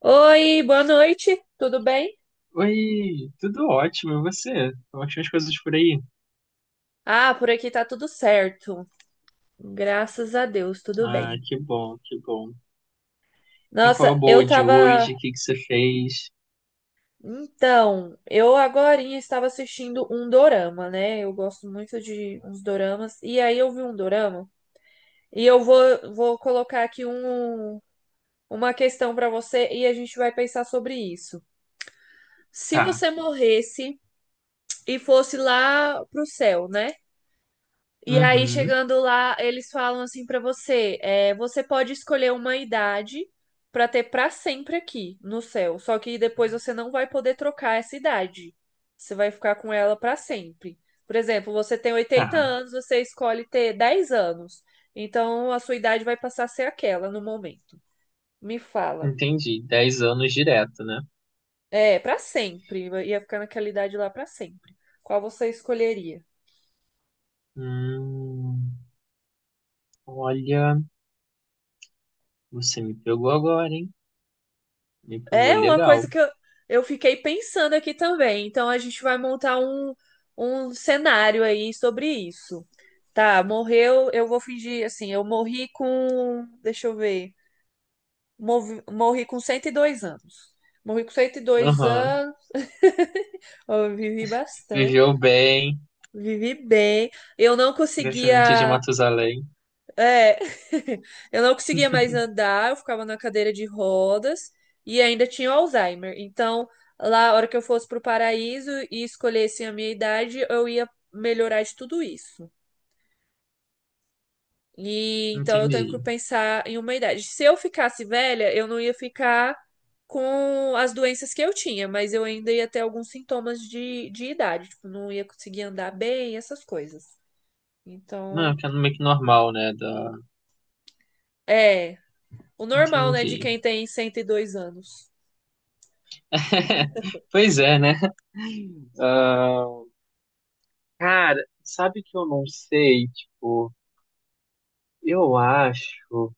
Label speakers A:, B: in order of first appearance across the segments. A: Oi, boa noite, tudo bem?
B: Oi, tudo ótimo, e você? Como é que estão as coisas por aí?
A: Ah, por aqui tá tudo certo. Graças a Deus, tudo
B: Ah,
A: bem.
B: que bom, que bom. E qual é
A: Nossa,
B: a
A: eu
B: boa de
A: tava.
B: hoje? O que que você fez?
A: Então, eu agorinha estava assistindo um dorama, né? Eu gosto muito de uns doramas. E aí eu vi um dorama. E eu vou colocar aqui uma questão pra você e a gente vai pensar sobre isso. Se
B: Tá,
A: você morresse e fosse lá pro céu, né? E aí,
B: uhum,
A: chegando lá, eles falam assim pra você: você pode escolher uma idade pra ter pra sempre aqui no céu. Só que depois você não vai poder trocar essa idade. Você vai ficar com ela pra sempre. Por exemplo, você tem oitenta
B: tá,
A: anos, você escolhe ter 10 anos. Então a sua idade vai passar a ser aquela no momento. Me fala.
B: entendi. Dez anos direto, né?
A: É, pra sempre. Ia ficar naquela idade lá pra sempre. Qual você escolheria?
B: Hum, olha, você me pegou agora, hein? Me pegou
A: É uma
B: legal.
A: coisa que eu fiquei pensando aqui também. Então a gente vai montar um cenário aí sobre isso. Tá, morreu, eu vou fingir assim, eu morri com, deixa eu ver, morri com 102 anos. Morri com cento e dois
B: Aham,
A: anos, eu vivi bastante,
B: viveu bem,
A: vivi bem. Eu não
B: descendente de
A: conseguia
B: Matusalém.
A: É, eu não conseguia mais andar, eu ficava na cadeira de rodas e ainda tinha o Alzheimer. Então, lá, a hora que eu fosse pro paraíso e escolhesse a minha idade, eu ia melhorar de tudo isso. E então eu tenho que
B: Entendi.
A: pensar em uma idade. Se eu ficasse velha, eu não ia ficar com as doenças que eu tinha, mas eu ainda ia ter alguns sintomas de idade, tipo, não ia conseguir andar bem, essas coisas.
B: Não,
A: Então,
B: é que é meio que normal, né?
A: é o normal, né, de
B: Entendi.
A: quem tem 102 anos.
B: Pois é, né? Ah, cara, sabe que eu não sei? Tipo, eu acho.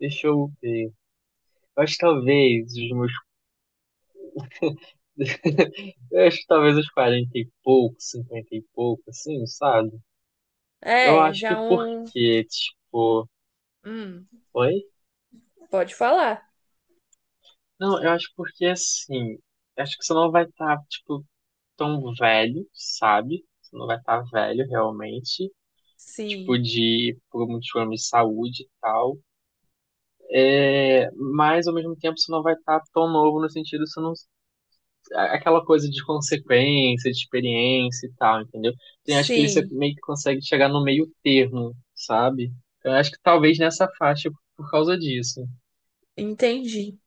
B: Deixa eu ver. Eu acho que talvez os meus. Eu acho que talvez os 40 e pouco, 50 e pouco, assim, sabe? Eu
A: É,
B: acho que
A: já um.
B: porque, tipo.
A: Hum,
B: Oi?
A: Pode falar.
B: Não, eu acho porque assim. Eu acho que você não vai estar, tipo, tão velho, sabe? Você não vai estar velho realmente. Tipo,
A: Sim.
B: de por muitos problemas de saúde e tal. É, mas ao mesmo tempo você não vai estar tão novo no sentido, você não aquela coisa de consequência, de experiência e tal, entendeu? Então, eu acho que ele
A: Sim,
B: meio que consegue chegar no meio termo, sabe? Então, eu acho que talvez nessa faixa por causa disso.
A: entendi.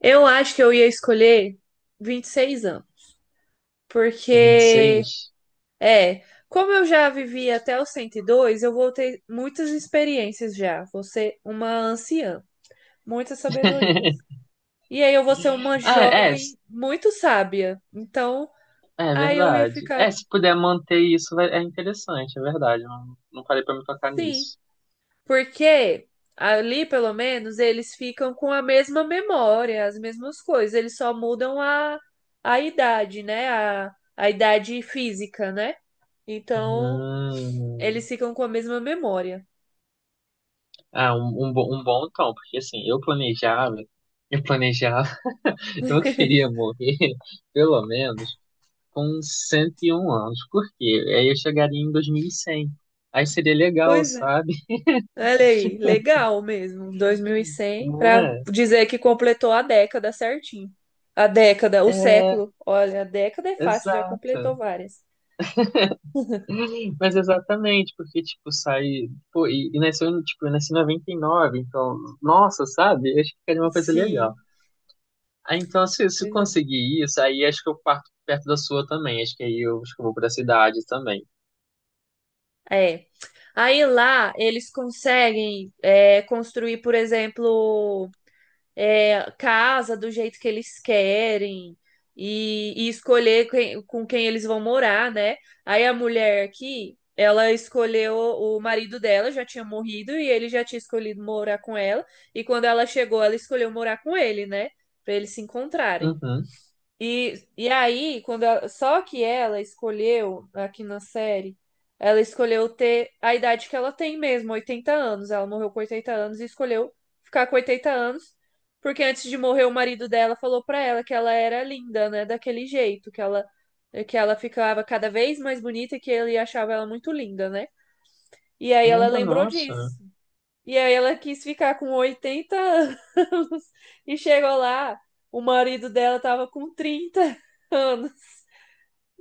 A: Eu acho que eu ia escolher 26 anos,
B: Vinte e
A: porque
B: seis.
A: é, como eu já vivi até os 102, eu vou ter muitas experiências já, vou ser uma anciã, muitas sabedorias. E aí eu vou ser uma
B: Ah, é,
A: jovem muito sábia. Então,
B: é
A: aí eu ia
B: verdade.
A: ficar,
B: É, se puder manter isso, é interessante, é verdade. Eu não, não parei pra me tocar
A: sim,
B: nisso.
A: porque ali, pelo menos, eles ficam com a mesma memória, as mesmas coisas, eles só mudam a idade, né? A idade física, né? Então,
B: Hum.
A: eles ficam com a mesma memória.
B: Ah, um bom tom, porque assim, eu planejava, eu queria morrer, pelo menos. Com 101 anos. Por quê? Aí eu chegaria em 2100. Aí seria legal,
A: Pois é.
B: sabe?
A: Olha aí, legal mesmo. Dois mil e cem
B: Não
A: para
B: é?
A: dizer que completou a década certinho. A década, o
B: É,
A: século. Olha, a década é fácil, já
B: exato.
A: completou várias.
B: Mas exatamente, porque, tipo. Pô, e nasceu, em, tipo, eu nasci em 99, então. Nossa, sabe? Eu acho que ficaria uma coisa legal.
A: Sim,
B: Aí, então, se eu
A: pois é.
B: conseguir isso, aí acho que eu parto perto da sua também. Acho que aí eu, acho que eu vou pra cidade também.
A: É. Aí lá eles conseguem construir, por exemplo, casa do jeito que eles querem e escolher com quem eles vão morar, né? Aí a mulher aqui, ela escolheu o marido dela, já tinha morrido e ele já tinha escolhido morar com ela. E quando ela chegou, ela escolheu morar com ele, né? Pra eles se encontrarem.
B: Uhum.
A: E aí, só que ela escolheu, aqui na série, ela escolheu ter a idade que ela tem mesmo, 80 anos. Ela morreu com 80 anos e escolheu ficar com 80 anos, porque antes de morrer, o marido dela falou pra ela que ela era linda, né? Daquele jeito, que ela ficava cada vez mais bonita e que ele achava ela muito linda, né? E aí ela
B: Ah,
A: lembrou
B: nossa.
A: disso. E aí ela quis ficar com 80 anos e chegou lá, o marido dela tava com 30 anos.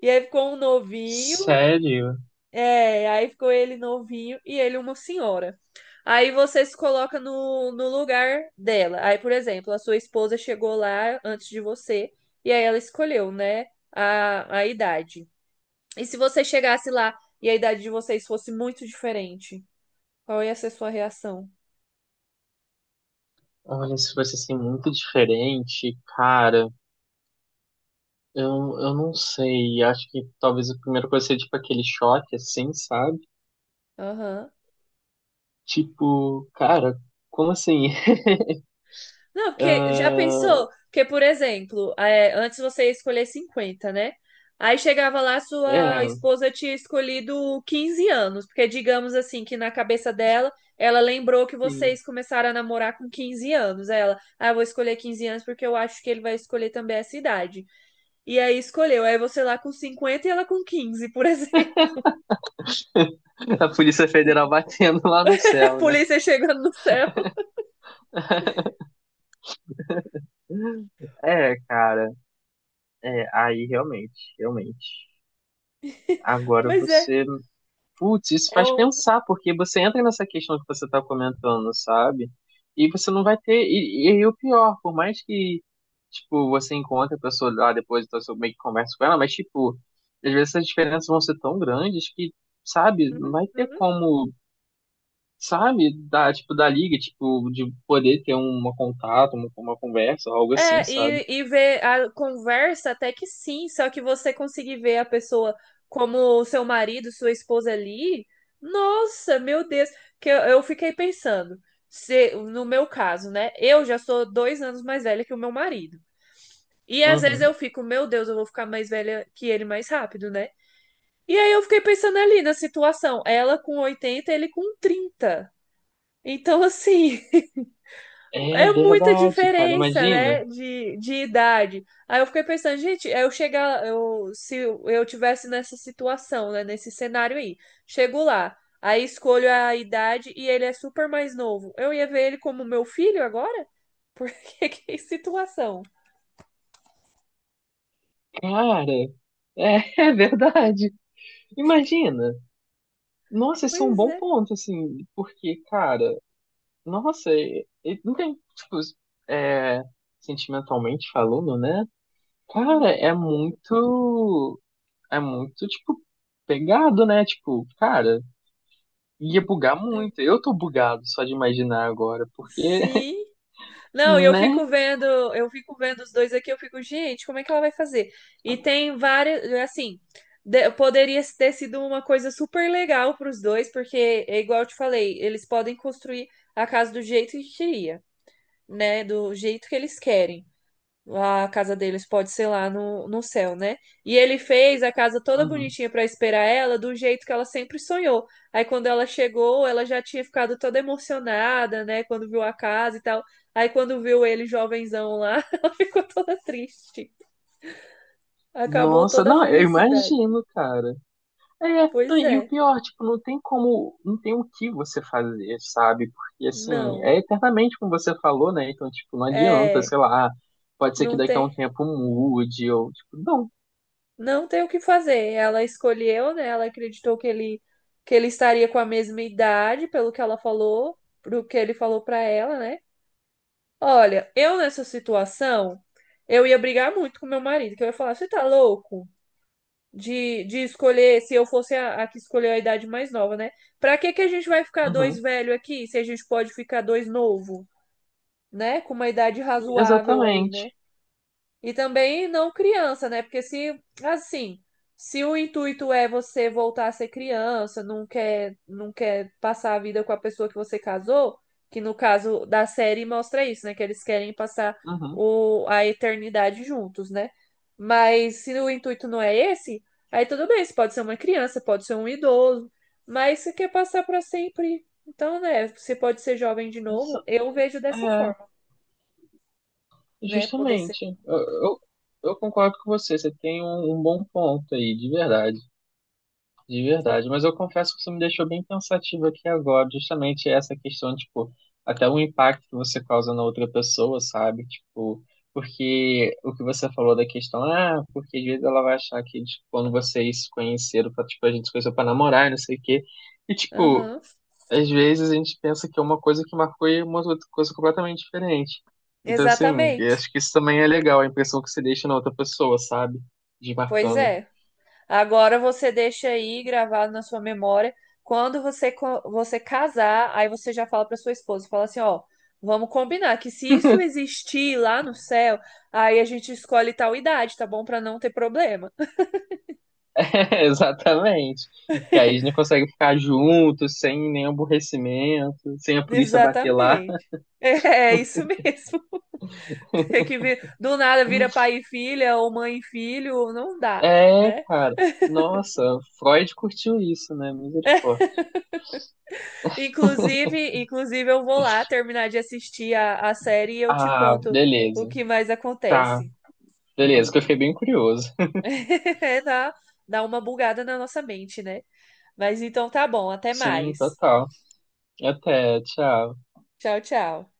A: E aí ficou um novinho,
B: Sério?
A: aí ficou ele novinho e ele uma senhora. Aí você se coloca no lugar dela. Aí, por exemplo, a sua esposa chegou lá antes de você e aí ela escolheu, né, a idade. E se você chegasse lá e a idade de vocês fosse muito diferente, qual ia ser sua reação?
B: Olha, se fosse assim muito diferente, cara. Eu, eu não sei, acho que talvez a primeira coisa seja tipo aquele choque, assim, sabe?
A: Aham.
B: Tipo, cara, como assim?
A: Não, porque já pensou?
B: Ah,
A: Que, por exemplo, antes você ia escolher 50, né? Aí chegava lá, sua
B: é,
A: esposa tinha escolhido 15 anos, porque digamos assim que na cabeça dela, ela lembrou que
B: sim.
A: vocês começaram a namorar com 15 anos. Aí eu vou escolher 15 anos porque eu acho que ele vai escolher também essa idade. E aí escolheu, aí você lá com 50 e ela com quinze, por exemplo.
B: A Polícia Federal batendo lá no
A: A
B: céu, né?
A: polícia chegando no céu.
B: É, cara, é, aí realmente, realmente. Agora
A: Pois é,
B: você Putz, isso
A: é
B: faz
A: o.
B: pensar, porque você entra nessa questão que você está comentando, sabe? E você não vai ter. E, aí o pior, por mais que, tipo, você encontre a pessoa lá depois, então você meio que conversa com ela, mas, tipo, às vezes essas diferenças vão ser tão grandes que, sabe, não vai ter como, sabe, da, tipo, da liga, tipo, de poder ter um contato, uma conversa, algo assim,
A: É,
B: sabe?
A: e ver a conversa até que sim, só que você conseguir ver a pessoa como seu marido, sua esposa ali, nossa, meu Deus, que eu fiquei pensando, se, no meu caso, né? Eu já sou dois anos mais velha que o meu marido. E às vezes
B: Uhum.
A: eu fico, meu Deus, eu vou ficar mais velha que ele mais rápido, né? E aí eu fiquei pensando ali na situação, ela com oitenta, ele com trinta. Então, assim,
B: É
A: é muita
B: verdade, cara,
A: diferença,
B: imagina.
A: né, de idade. Aí eu fiquei pensando, gente, se eu tivesse nessa situação, né, nesse cenário aí, chego lá, aí escolho a idade e ele é super mais novo. Eu ia ver ele como meu filho agora? Porque que situação?
B: Cara, é verdade. Imagina. Nossa, isso é um
A: Pois
B: bom
A: é.
B: ponto, assim, porque, cara, nossa, e não tem, tipo, é, sentimentalmente falando, né? Cara,
A: Uhum.
B: é muito, tipo, pegado, né? Tipo, cara, ia bugar muito. Eu tô bugado só de imaginar agora, porque,
A: Sim. Não, e eu
B: né?
A: fico vendo, eu fico vendo os dois aqui, eu fico, gente, como é que ela vai fazer? E tem várias, é assim, poderia ter sido uma coisa super legal para os dois, porque é igual eu te falei, eles podem construir a casa do jeito que queria, né? Do jeito que eles querem. A casa deles pode ser lá no céu, né? E ele fez a casa toda
B: Uhum.
A: bonitinha pra esperar ela, do jeito que ela sempre sonhou. Aí quando ela chegou, ela já tinha ficado toda emocionada, né? Quando viu a casa e tal. Aí quando viu ele jovenzão lá, ela ficou toda triste. Acabou
B: Nossa,
A: toda a
B: não, eu
A: felicidade.
B: imagino, cara. É,
A: Pois
B: e o
A: é,
B: pior, tipo, não tem como, não tem o que você fazer, sabe? Porque, assim,
A: não.
B: é eternamente como você falou, né? Então, tipo, não adianta,
A: É,
B: sei lá, pode ser que
A: não
B: daqui a um
A: tem.
B: tempo mude, ou, tipo, não.
A: não tem o que fazer. Ela escolheu, né? Ela acreditou que ele estaria com a mesma idade, pelo que ela falou, pro que ele falou pra ela, né? Olha, eu nessa situação, eu ia brigar muito com meu marido, que eu ia falar, você tá louco? De escolher, se eu fosse a que escolheu a idade mais nova, né? Pra que que a gente vai ficar dois
B: Uhum.
A: velho aqui, se a gente pode ficar dois novo, né? Com uma idade razoável aí, né?
B: Exatamente.
A: E também não criança, né? Porque se, assim, se o intuito é você voltar a ser criança, não quer passar a vida com a pessoa que você casou, que no caso da série mostra isso, né? Que eles querem passar
B: Uhum.
A: a eternidade juntos, né? Mas se o intuito não é esse, aí tudo bem, você pode ser uma criança, pode ser um idoso, mas você quer passar para sempre. Então, né, você pode ser jovem de
B: Exa-
A: novo, eu vejo dessa
B: É,
A: forma, né? Poder ser.
B: justamente. Eu concordo com você, você tem um bom ponto aí, de verdade. De verdade, mas eu confesso que você me deixou bem pensativo aqui agora, justamente essa questão, tipo, até o impacto que você causa na outra pessoa, sabe? Tipo, porque o que você falou da questão, ah, porque às vezes ela vai achar que, tipo, quando vocês se conheceram, tipo, a gente se conheceu pra namorar, e não sei o quê, e, tipo,
A: Aham,
B: às vezes a gente pensa que é uma coisa que marcou e uma outra coisa completamente diferente. Então, assim, eu
A: exatamente.
B: acho que isso também é legal, a impressão que você deixa na outra pessoa, sabe? De
A: Pois
B: marcando.
A: é. Agora você deixa aí gravado na sua memória. Quando você, você casar, aí você já fala para sua esposa, fala assim, ó, vamos combinar que se isso existir lá no céu, aí a gente escolhe tal idade, tá bom? Para não ter problema.
B: Exatamente. Que aí a gente consegue ficar junto, sem nenhum aborrecimento, sem a polícia bater lá.
A: Exatamente. É, é isso mesmo. Tem que vir, do nada vira pai e filha, ou mãe e filho, não dá,
B: É,
A: né?
B: cara. Nossa, Freud curtiu isso, né? Misericórdia.
A: Inclusive, inclusive eu vou lá terminar de assistir a série e eu te
B: Ah,
A: conto o
B: beleza.
A: que mais
B: Tá,
A: acontece.
B: beleza, que eu fiquei bem curioso.
A: É, Dá uma bugada na nossa mente, né? Mas então tá bom, até
B: Sim,
A: mais.
B: total. Até, tchau.
A: Tchau, tchau.